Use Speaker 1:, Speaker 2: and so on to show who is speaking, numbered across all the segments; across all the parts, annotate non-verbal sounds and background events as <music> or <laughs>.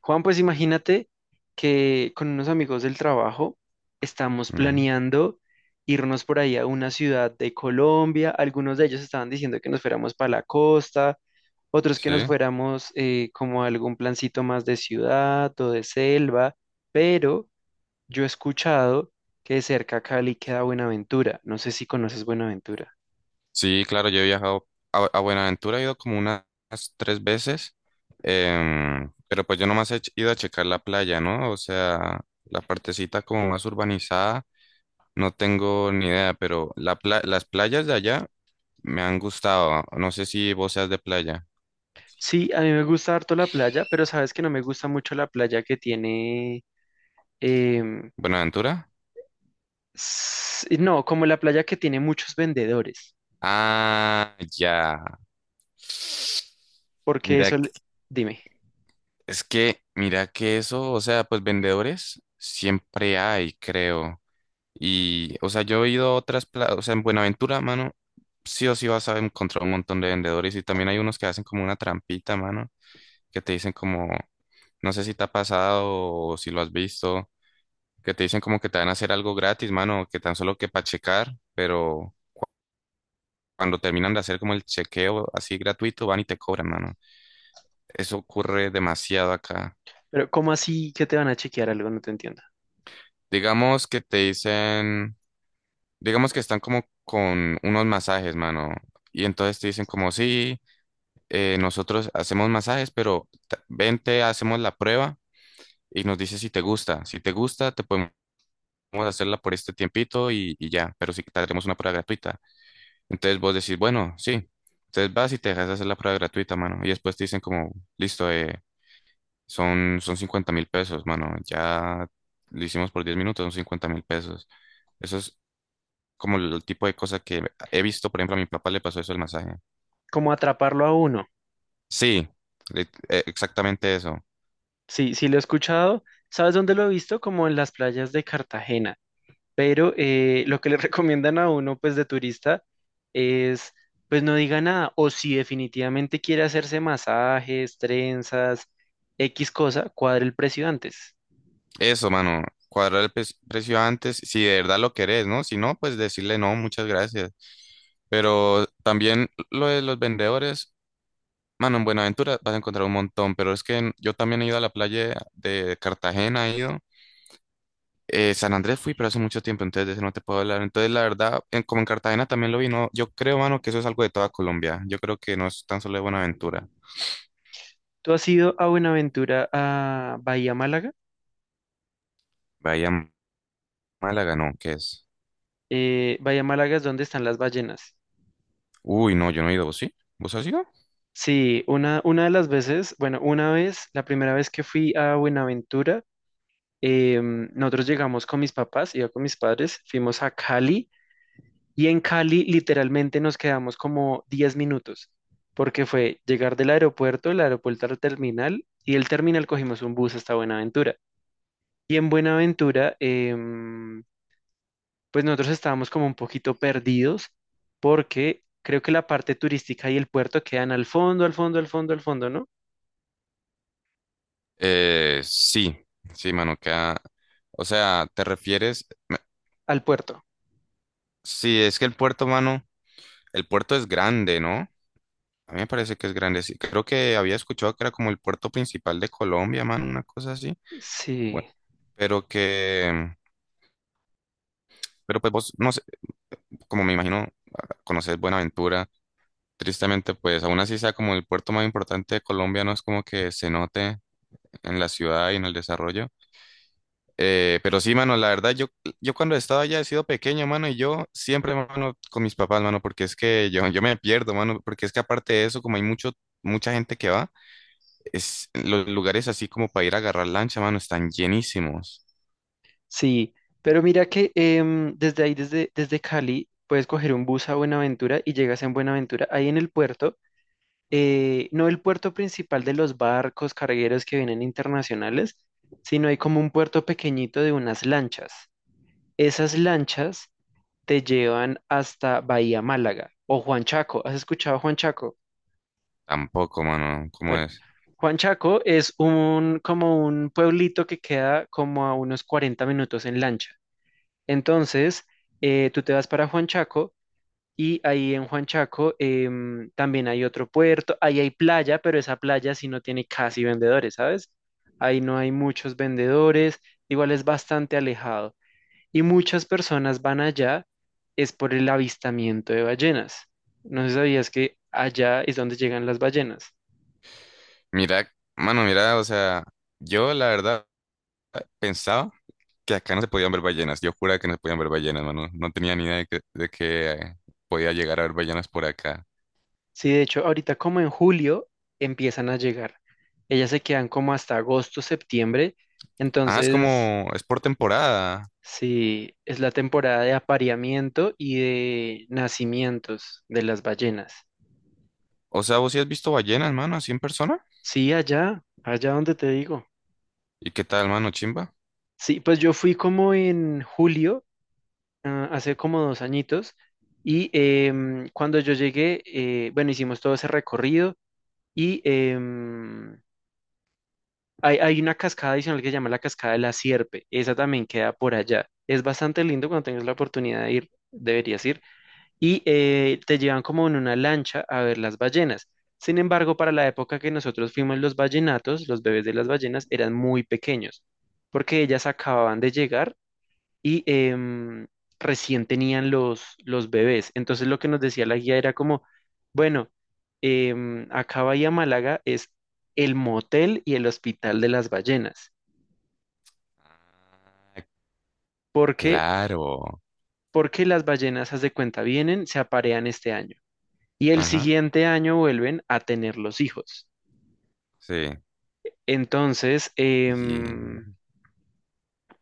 Speaker 1: Juan, pues imagínate que con unos amigos del trabajo estamos
Speaker 2: Ujú,
Speaker 1: planeando irnos por ahí a una ciudad de Colombia. Algunos de ellos estaban diciendo que nos fuéramos para la costa, otros que nos
Speaker 2: sí,
Speaker 1: fuéramos como a algún plancito más de ciudad o de selva, pero yo he escuchado que de cerca a Cali queda Buenaventura. No sé si conoces Buenaventura.
Speaker 2: sí, claro, yo he viajado a Buenaventura, he ido como unas tres veces, pero pues yo nomás he ido a checar la playa, ¿no? O sea, la partecita como más urbanizada, no tengo ni idea, pero las playas de allá me han gustado. No sé si vos seas de playa.
Speaker 1: Sí, a mí me gusta harto la playa, pero sabes que no me gusta mucho la playa que tiene.
Speaker 2: ¿Buenaventura?
Speaker 1: No, como la playa que tiene muchos vendedores,
Speaker 2: Ah, ya.
Speaker 1: porque
Speaker 2: Mira,
Speaker 1: eso,
Speaker 2: que-
Speaker 1: dime,
Speaker 2: es que, mira que eso, o sea, pues vendedores siempre hay, creo. Y, o sea, yo he ido a o sea, en Buenaventura, mano, sí o sí vas a encontrar un montón de vendedores y también hay unos que hacen como una trampita, mano, que te dicen como, no sé si te ha pasado o si lo has visto, que te dicen como que te van a hacer algo gratis, mano, que tan solo que para checar, pero cuando terminan de hacer como el chequeo así gratuito, van y te cobran, mano. Eso ocurre demasiado acá.
Speaker 1: pero ¿cómo así que te van a chequear algo? No te entiendo.
Speaker 2: Digamos que te dicen, digamos que están como con unos masajes, mano, y entonces te dicen como, sí. Nosotros hacemos masajes, pero ven, te hacemos la prueba y nos dices si te gusta. Si te gusta, te podemos hacerla por este tiempito y ya, pero si te haremos una prueba gratuita. Entonces vos decís, bueno, sí. Entonces vas y te dejas hacer la prueba gratuita, mano. Y después te dicen como, listo, son 50.000 pesos, mano. Ya lo hicimos por 10 minutos, son 50.000 pesos. Eso es como el tipo de cosa que he visto, por ejemplo, a mi papá le pasó eso el masaje.
Speaker 1: ¿Cómo atraparlo a uno?
Speaker 2: Sí, le- exactamente eso.
Speaker 1: Sí, sí lo he escuchado. ¿Sabes dónde lo he visto? Como en las playas de Cartagena. Pero lo que le <laughs> recomiendan a uno, pues de turista, es, pues no diga nada. O si definitivamente quiere hacerse masajes, trenzas, X cosa, cuadre el precio antes.
Speaker 2: Eso, mano, cuadrar el precio antes, si de verdad lo querés, ¿no? Si no, pues decirle no, muchas gracias. Pero también lo de los vendedores, mano, en Buenaventura vas a encontrar un montón, pero es que yo también he ido a la playa de Cartagena, he ido. San Andrés fui, pero hace mucho tiempo, entonces de eso no te puedo hablar. Entonces, la verdad, como en Cartagena también lo vi, no, yo creo, mano, que eso es algo de toda Colombia. Yo creo que no es tan solo de Buenaventura.
Speaker 1: ¿Tú has ido a Buenaventura, a Bahía Málaga?
Speaker 2: Vaya, Málaga, no, ¿qué es?
Speaker 1: Bahía Málaga es donde están las ballenas.
Speaker 2: Uy, no, yo no he ido, ¿vos sí? ¿Vos has ido?
Speaker 1: Sí, una de las veces, bueno, una vez, la primera vez que fui a Buenaventura, nosotros llegamos con mis papás, iba con mis padres, fuimos a Cali y en Cali literalmente nos quedamos como 10 minutos, porque fue llegar del aeropuerto, el aeropuerto al terminal y del terminal cogimos un bus hasta Buenaventura. Y en Buenaventura, pues nosotros estábamos como un poquito perdidos porque creo que la parte turística y el puerto quedan al fondo, al fondo, al fondo, al fondo, ¿no?
Speaker 2: Sí, sí, mano, queda. O sea, ¿te refieres?
Speaker 1: Al puerto.
Speaker 2: Sí, es que el puerto, mano, el puerto es grande, ¿no? A mí me parece que es grande, sí. Creo que había escuchado que era como el puerto principal de Colombia, mano, una cosa así.
Speaker 1: Sí,
Speaker 2: Bueno, pero que. Pero pues vos, no sé, como me imagino, conoces Buenaventura. Tristemente, pues aún así sea como el puerto más importante de Colombia, no es como que se note en la ciudad y en el desarrollo. Pero sí, mano, la verdad, yo cuando estaba allá he sido pequeño, mano, y yo siempre, mano, con mis papás, mano, porque es que yo me pierdo, mano, porque es que aparte de eso, como hay mucha gente que va, es, los lugares así como para ir a agarrar lancha, mano, están llenísimos.
Speaker 1: sí. Pero mira que desde ahí, desde Cali, puedes coger un bus a Buenaventura y llegas en Buenaventura. Ahí en el puerto, no el puerto principal de los barcos cargueros que vienen internacionales, sino hay como un puerto pequeñito de unas lanchas. Esas lanchas te llevan hasta Bahía Málaga o Juan Chaco. ¿Has escuchado Juan Chaco?
Speaker 2: Tampoco, mano, ¿cómo
Speaker 1: Bueno,
Speaker 2: es?
Speaker 1: Juan Chaco es un como un pueblito que queda como a unos 40 minutos en lancha. Entonces, tú te vas para Juan Chaco y ahí en Juan Chaco también hay otro puerto, ahí hay playa, pero esa playa sí no tiene casi vendedores, ¿sabes? Ahí no hay muchos vendedores, igual es bastante alejado. Y muchas personas van allá es por el avistamiento de ballenas. No sé si sabías que allá es donde llegan las ballenas.
Speaker 2: Mira, mano, mira, o sea, yo la verdad pensaba que acá no se podían ver ballenas, yo juraba que no se podían ver ballenas, mano, no tenía ni idea de que podía llegar a ver ballenas por acá.
Speaker 1: Sí, de hecho, ahorita como en julio empiezan a llegar. Ellas se quedan como hasta agosto, septiembre.
Speaker 2: Ah, es
Speaker 1: Entonces,
Speaker 2: como, es por temporada.
Speaker 1: sí, es la temporada de apareamiento y de nacimientos de las ballenas.
Speaker 2: O sea, ¿vos sí has visto ballenas, mano, así en persona?
Speaker 1: Sí, allá, allá donde te digo.
Speaker 2: ¿Y qué tal, mano, chimba?
Speaker 1: Sí, pues yo fui como en julio hace como 2 añitos y cuando yo llegué, bueno, hicimos todo ese recorrido y hay, hay una cascada adicional que se llama la Cascada de la Sierpe, esa también queda por allá. Es bastante lindo cuando tengas la oportunidad de ir, deberías ir, y te llevan como en una lancha a ver las ballenas. Sin embargo, para la época que nosotros fuimos, los ballenatos, los bebés de las ballenas, eran muy pequeños, porque ellas acababan de llegar y recién tenían los bebés. Entonces lo que nos decía la guía era como, bueno, acá Bahía Málaga es el motel y el hospital de las ballenas.
Speaker 2: Ah,
Speaker 1: ¿Por qué?
Speaker 2: claro.
Speaker 1: Porque las ballenas, haz de cuenta, vienen, se aparean este año y el
Speaker 2: Ajá,
Speaker 1: siguiente año vuelven a tener los hijos.
Speaker 2: sí.
Speaker 1: Entonces,
Speaker 2: Y-
Speaker 1: em,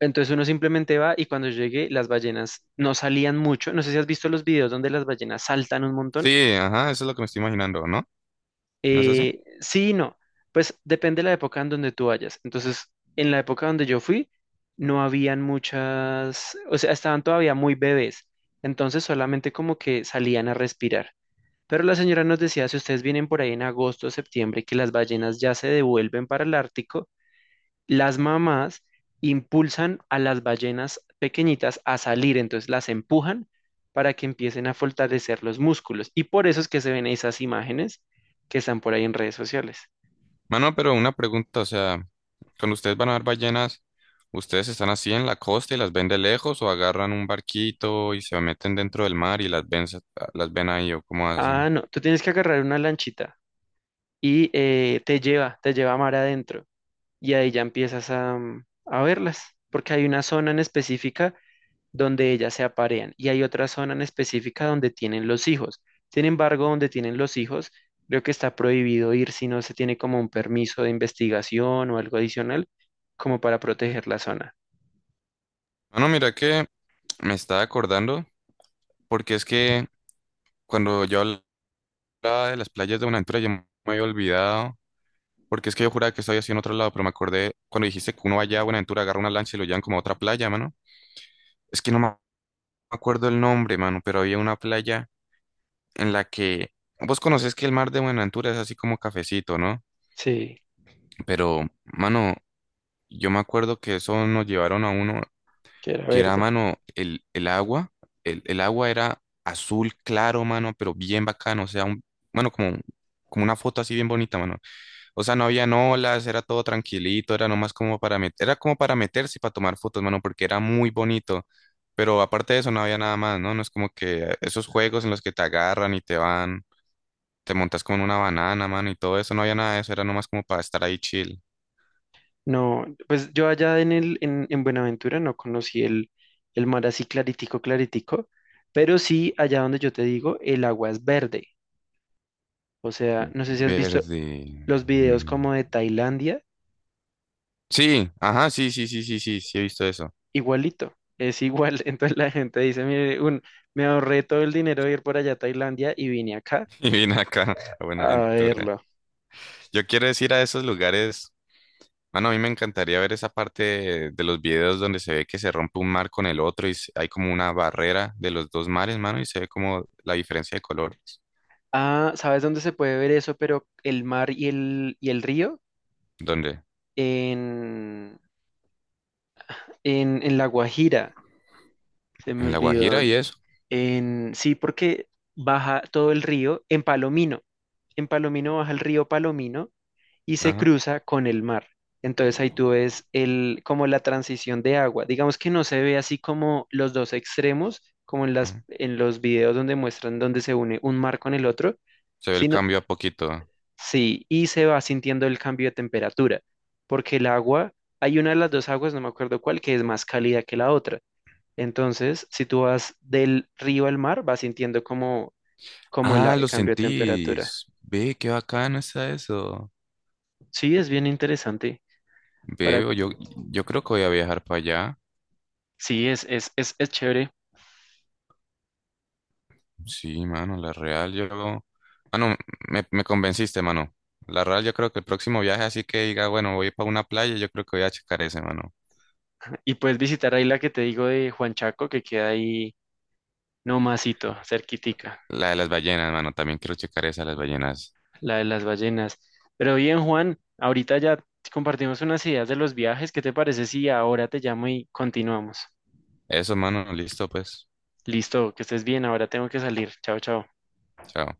Speaker 1: entonces uno simplemente va y cuando llegue las ballenas no salían mucho. No sé si has visto los videos donde las ballenas saltan un
Speaker 2: Sí,
Speaker 1: montón.
Speaker 2: ajá, eso es lo que me estoy imaginando, ¿no? ¿No es así?
Speaker 1: Sí y no. Pues depende de la época en donde tú vayas. Entonces, en la época donde yo fui, no habían muchas, o sea, estaban todavía muy bebés. Entonces, solamente como que salían a respirar. Pero la señora nos decía, si ustedes vienen por ahí en agosto o septiembre, que las ballenas ya se devuelven para el Ártico las mamás impulsan a las ballenas pequeñitas a salir, entonces las empujan para que empiecen a fortalecer los músculos. Y por eso es que se ven esas imágenes que están por ahí en redes sociales.
Speaker 2: Mano, pero una pregunta, o sea, cuando ustedes van a ver ballenas, ¿ustedes están así en la costa y las ven de lejos o agarran un barquito y se meten dentro del mar y las ven, las ven ahí o cómo
Speaker 1: Ah,
Speaker 2: hacen?
Speaker 1: no, tú tienes que agarrar una lanchita y te lleva a mar adentro y ahí ya empiezas a verlas, porque hay una zona en específica donde ellas se aparean y hay otra zona en específica donde tienen los hijos. Sin embargo, donde tienen los hijos, creo que está prohibido ir si no se tiene como un permiso de investigación o algo adicional como para proteger la zona.
Speaker 2: Mano, mira que me estaba acordando, porque es que cuando yo hablaba de las playas de Buenaventura, yo me había olvidado. Porque es que yo juraba que estaba así en otro lado, pero me acordé cuando dijiste que uno vaya a Buenaventura, agarra una lancha y lo llevan como a otra playa, mano. Es que no me acuerdo el nombre, mano, pero había una playa en la que vos conocés que el mar de Buenaventura es así como cafecito, ¿no?
Speaker 1: Sí,
Speaker 2: Pero, mano, yo me acuerdo que eso nos llevaron a uno
Speaker 1: que era
Speaker 2: que era,
Speaker 1: verde.
Speaker 2: mano, el agua, el agua era azul claro, mano, pero bien bacano, o sea, mano, como una foto así bien bonita, mano. O sea, no habían olas, era todo tranquilito, era nomás como para meter, era como para meterse y para tomar fotos, mano, porque era muy bonito. Pero aparte de eso, no había nada más, ¿no? No es como que esos juegos en los que te agarran y te montas como en una banana, mano, y todo eso, no había nada de eso, era nomás como para estar ahí chill.
Speaker 1: No, pues yo allá en en Buenaventura no conocí el mar así claritico, claritico, pero sí allá donde yo te digo, el agua es verde. O sea, no sé si has visto
Speaker 2: Verde.
Speaker 1: los videos
Speaker 2: Mm.
Speaker 1: como de Tailandia
Speaker 2: Sí, ajá, sí, sí, sí, sí, sí, sí, he visto eso.
Speaker 1: igualito, es igual. <laughs> Entonces la gente dice, mire, me ahorré todo el dinero de ir por allá a Tailandia y vine acá
Speaker 2: <laughs> Y vine acá <laughs> a
Speaker 1: a
Speaker 2: Buenaventura.
Speaker 1: verlo.
Speaker 2: Yo quiero decir a esos lugares. Mano, a mí me encantaría ver esa parte de los videos donde se ve que se rompe un mar con el otro y hay como una barrera de los dos mares, mano, y se ve como la diferencia de colores.
Speaker 1: Ah, ¿sabes dónde se puede ver eso? Pero el mar y el río
Speaker 2: ¿Dónde?
Speaker 1: en, en La Guajira, se me
Speaker 2: En La Guajira
Speaker 1: olvidó.
Speaker 2: y eso.
Speaker 1: Sí, porque baja todo el río en Palomino. En Palomino baja el río Palomino y se
Speaker 2: Ajá,
Speaker 1: cruza con el mar. Entonces ahí tú ves como la transición de agua. Digamos que no se ve así como los dos extremos, como en las,
Speaker 2: ajá.
Speaker 1: en los videos donde muestran donde se une un mar con el otro,
Speaker 2: Se ve el
Speaker 1: sino,
Speaker 2: cambio a poquito.
Speaker 1: sí, y se va sintiendo el cambio de temperatura, porque el agua, hay una de las dos aguas, no me acuerdo cuál, que es más cálida que la otra. Entonces, si tú vas del río al mar, vas sintiendo como, como el a-
Speaker 2: Ah,
Speaker 1: el
Speaker 2: lo
Speaker 1: cambio de temperatura.
Speaker 2: sentís. Ve, qué bacano está eso.
Speaker 1: Sí, es bien interesante. Para,
Speaker 2: Ve, yo creo que voy a viajar para allá.
Speaker 1: sí, es chévere.
Speaker 2: Sí, mano, la real. Mano, me convenciste, mano. La real, yo creo que el próximo viaje, así que diga, bueno, voy para una playa, yo creo que voy a checar ese, mano.
Speaker 1: Y puedes visitar ahí la que te digo de Juan Chaco, que queda ahí nomasito, cerquitica,
Speaker 2: La de las ballenas, mano. También quiero checar esa de las ballenas.
Speaker 1: la de las ballenas. Pero bien, Juan, ahorita ya compartimos unas ideas de los viajes. ¿Qué te parece si ahora te llamo y continuamos?
Speaker 2: Eso, mano. Listo, pues.
Speaker 1: Listo, que estés bien, ahora tengo que salir. Chao, chao.
Speaker 2: Chao.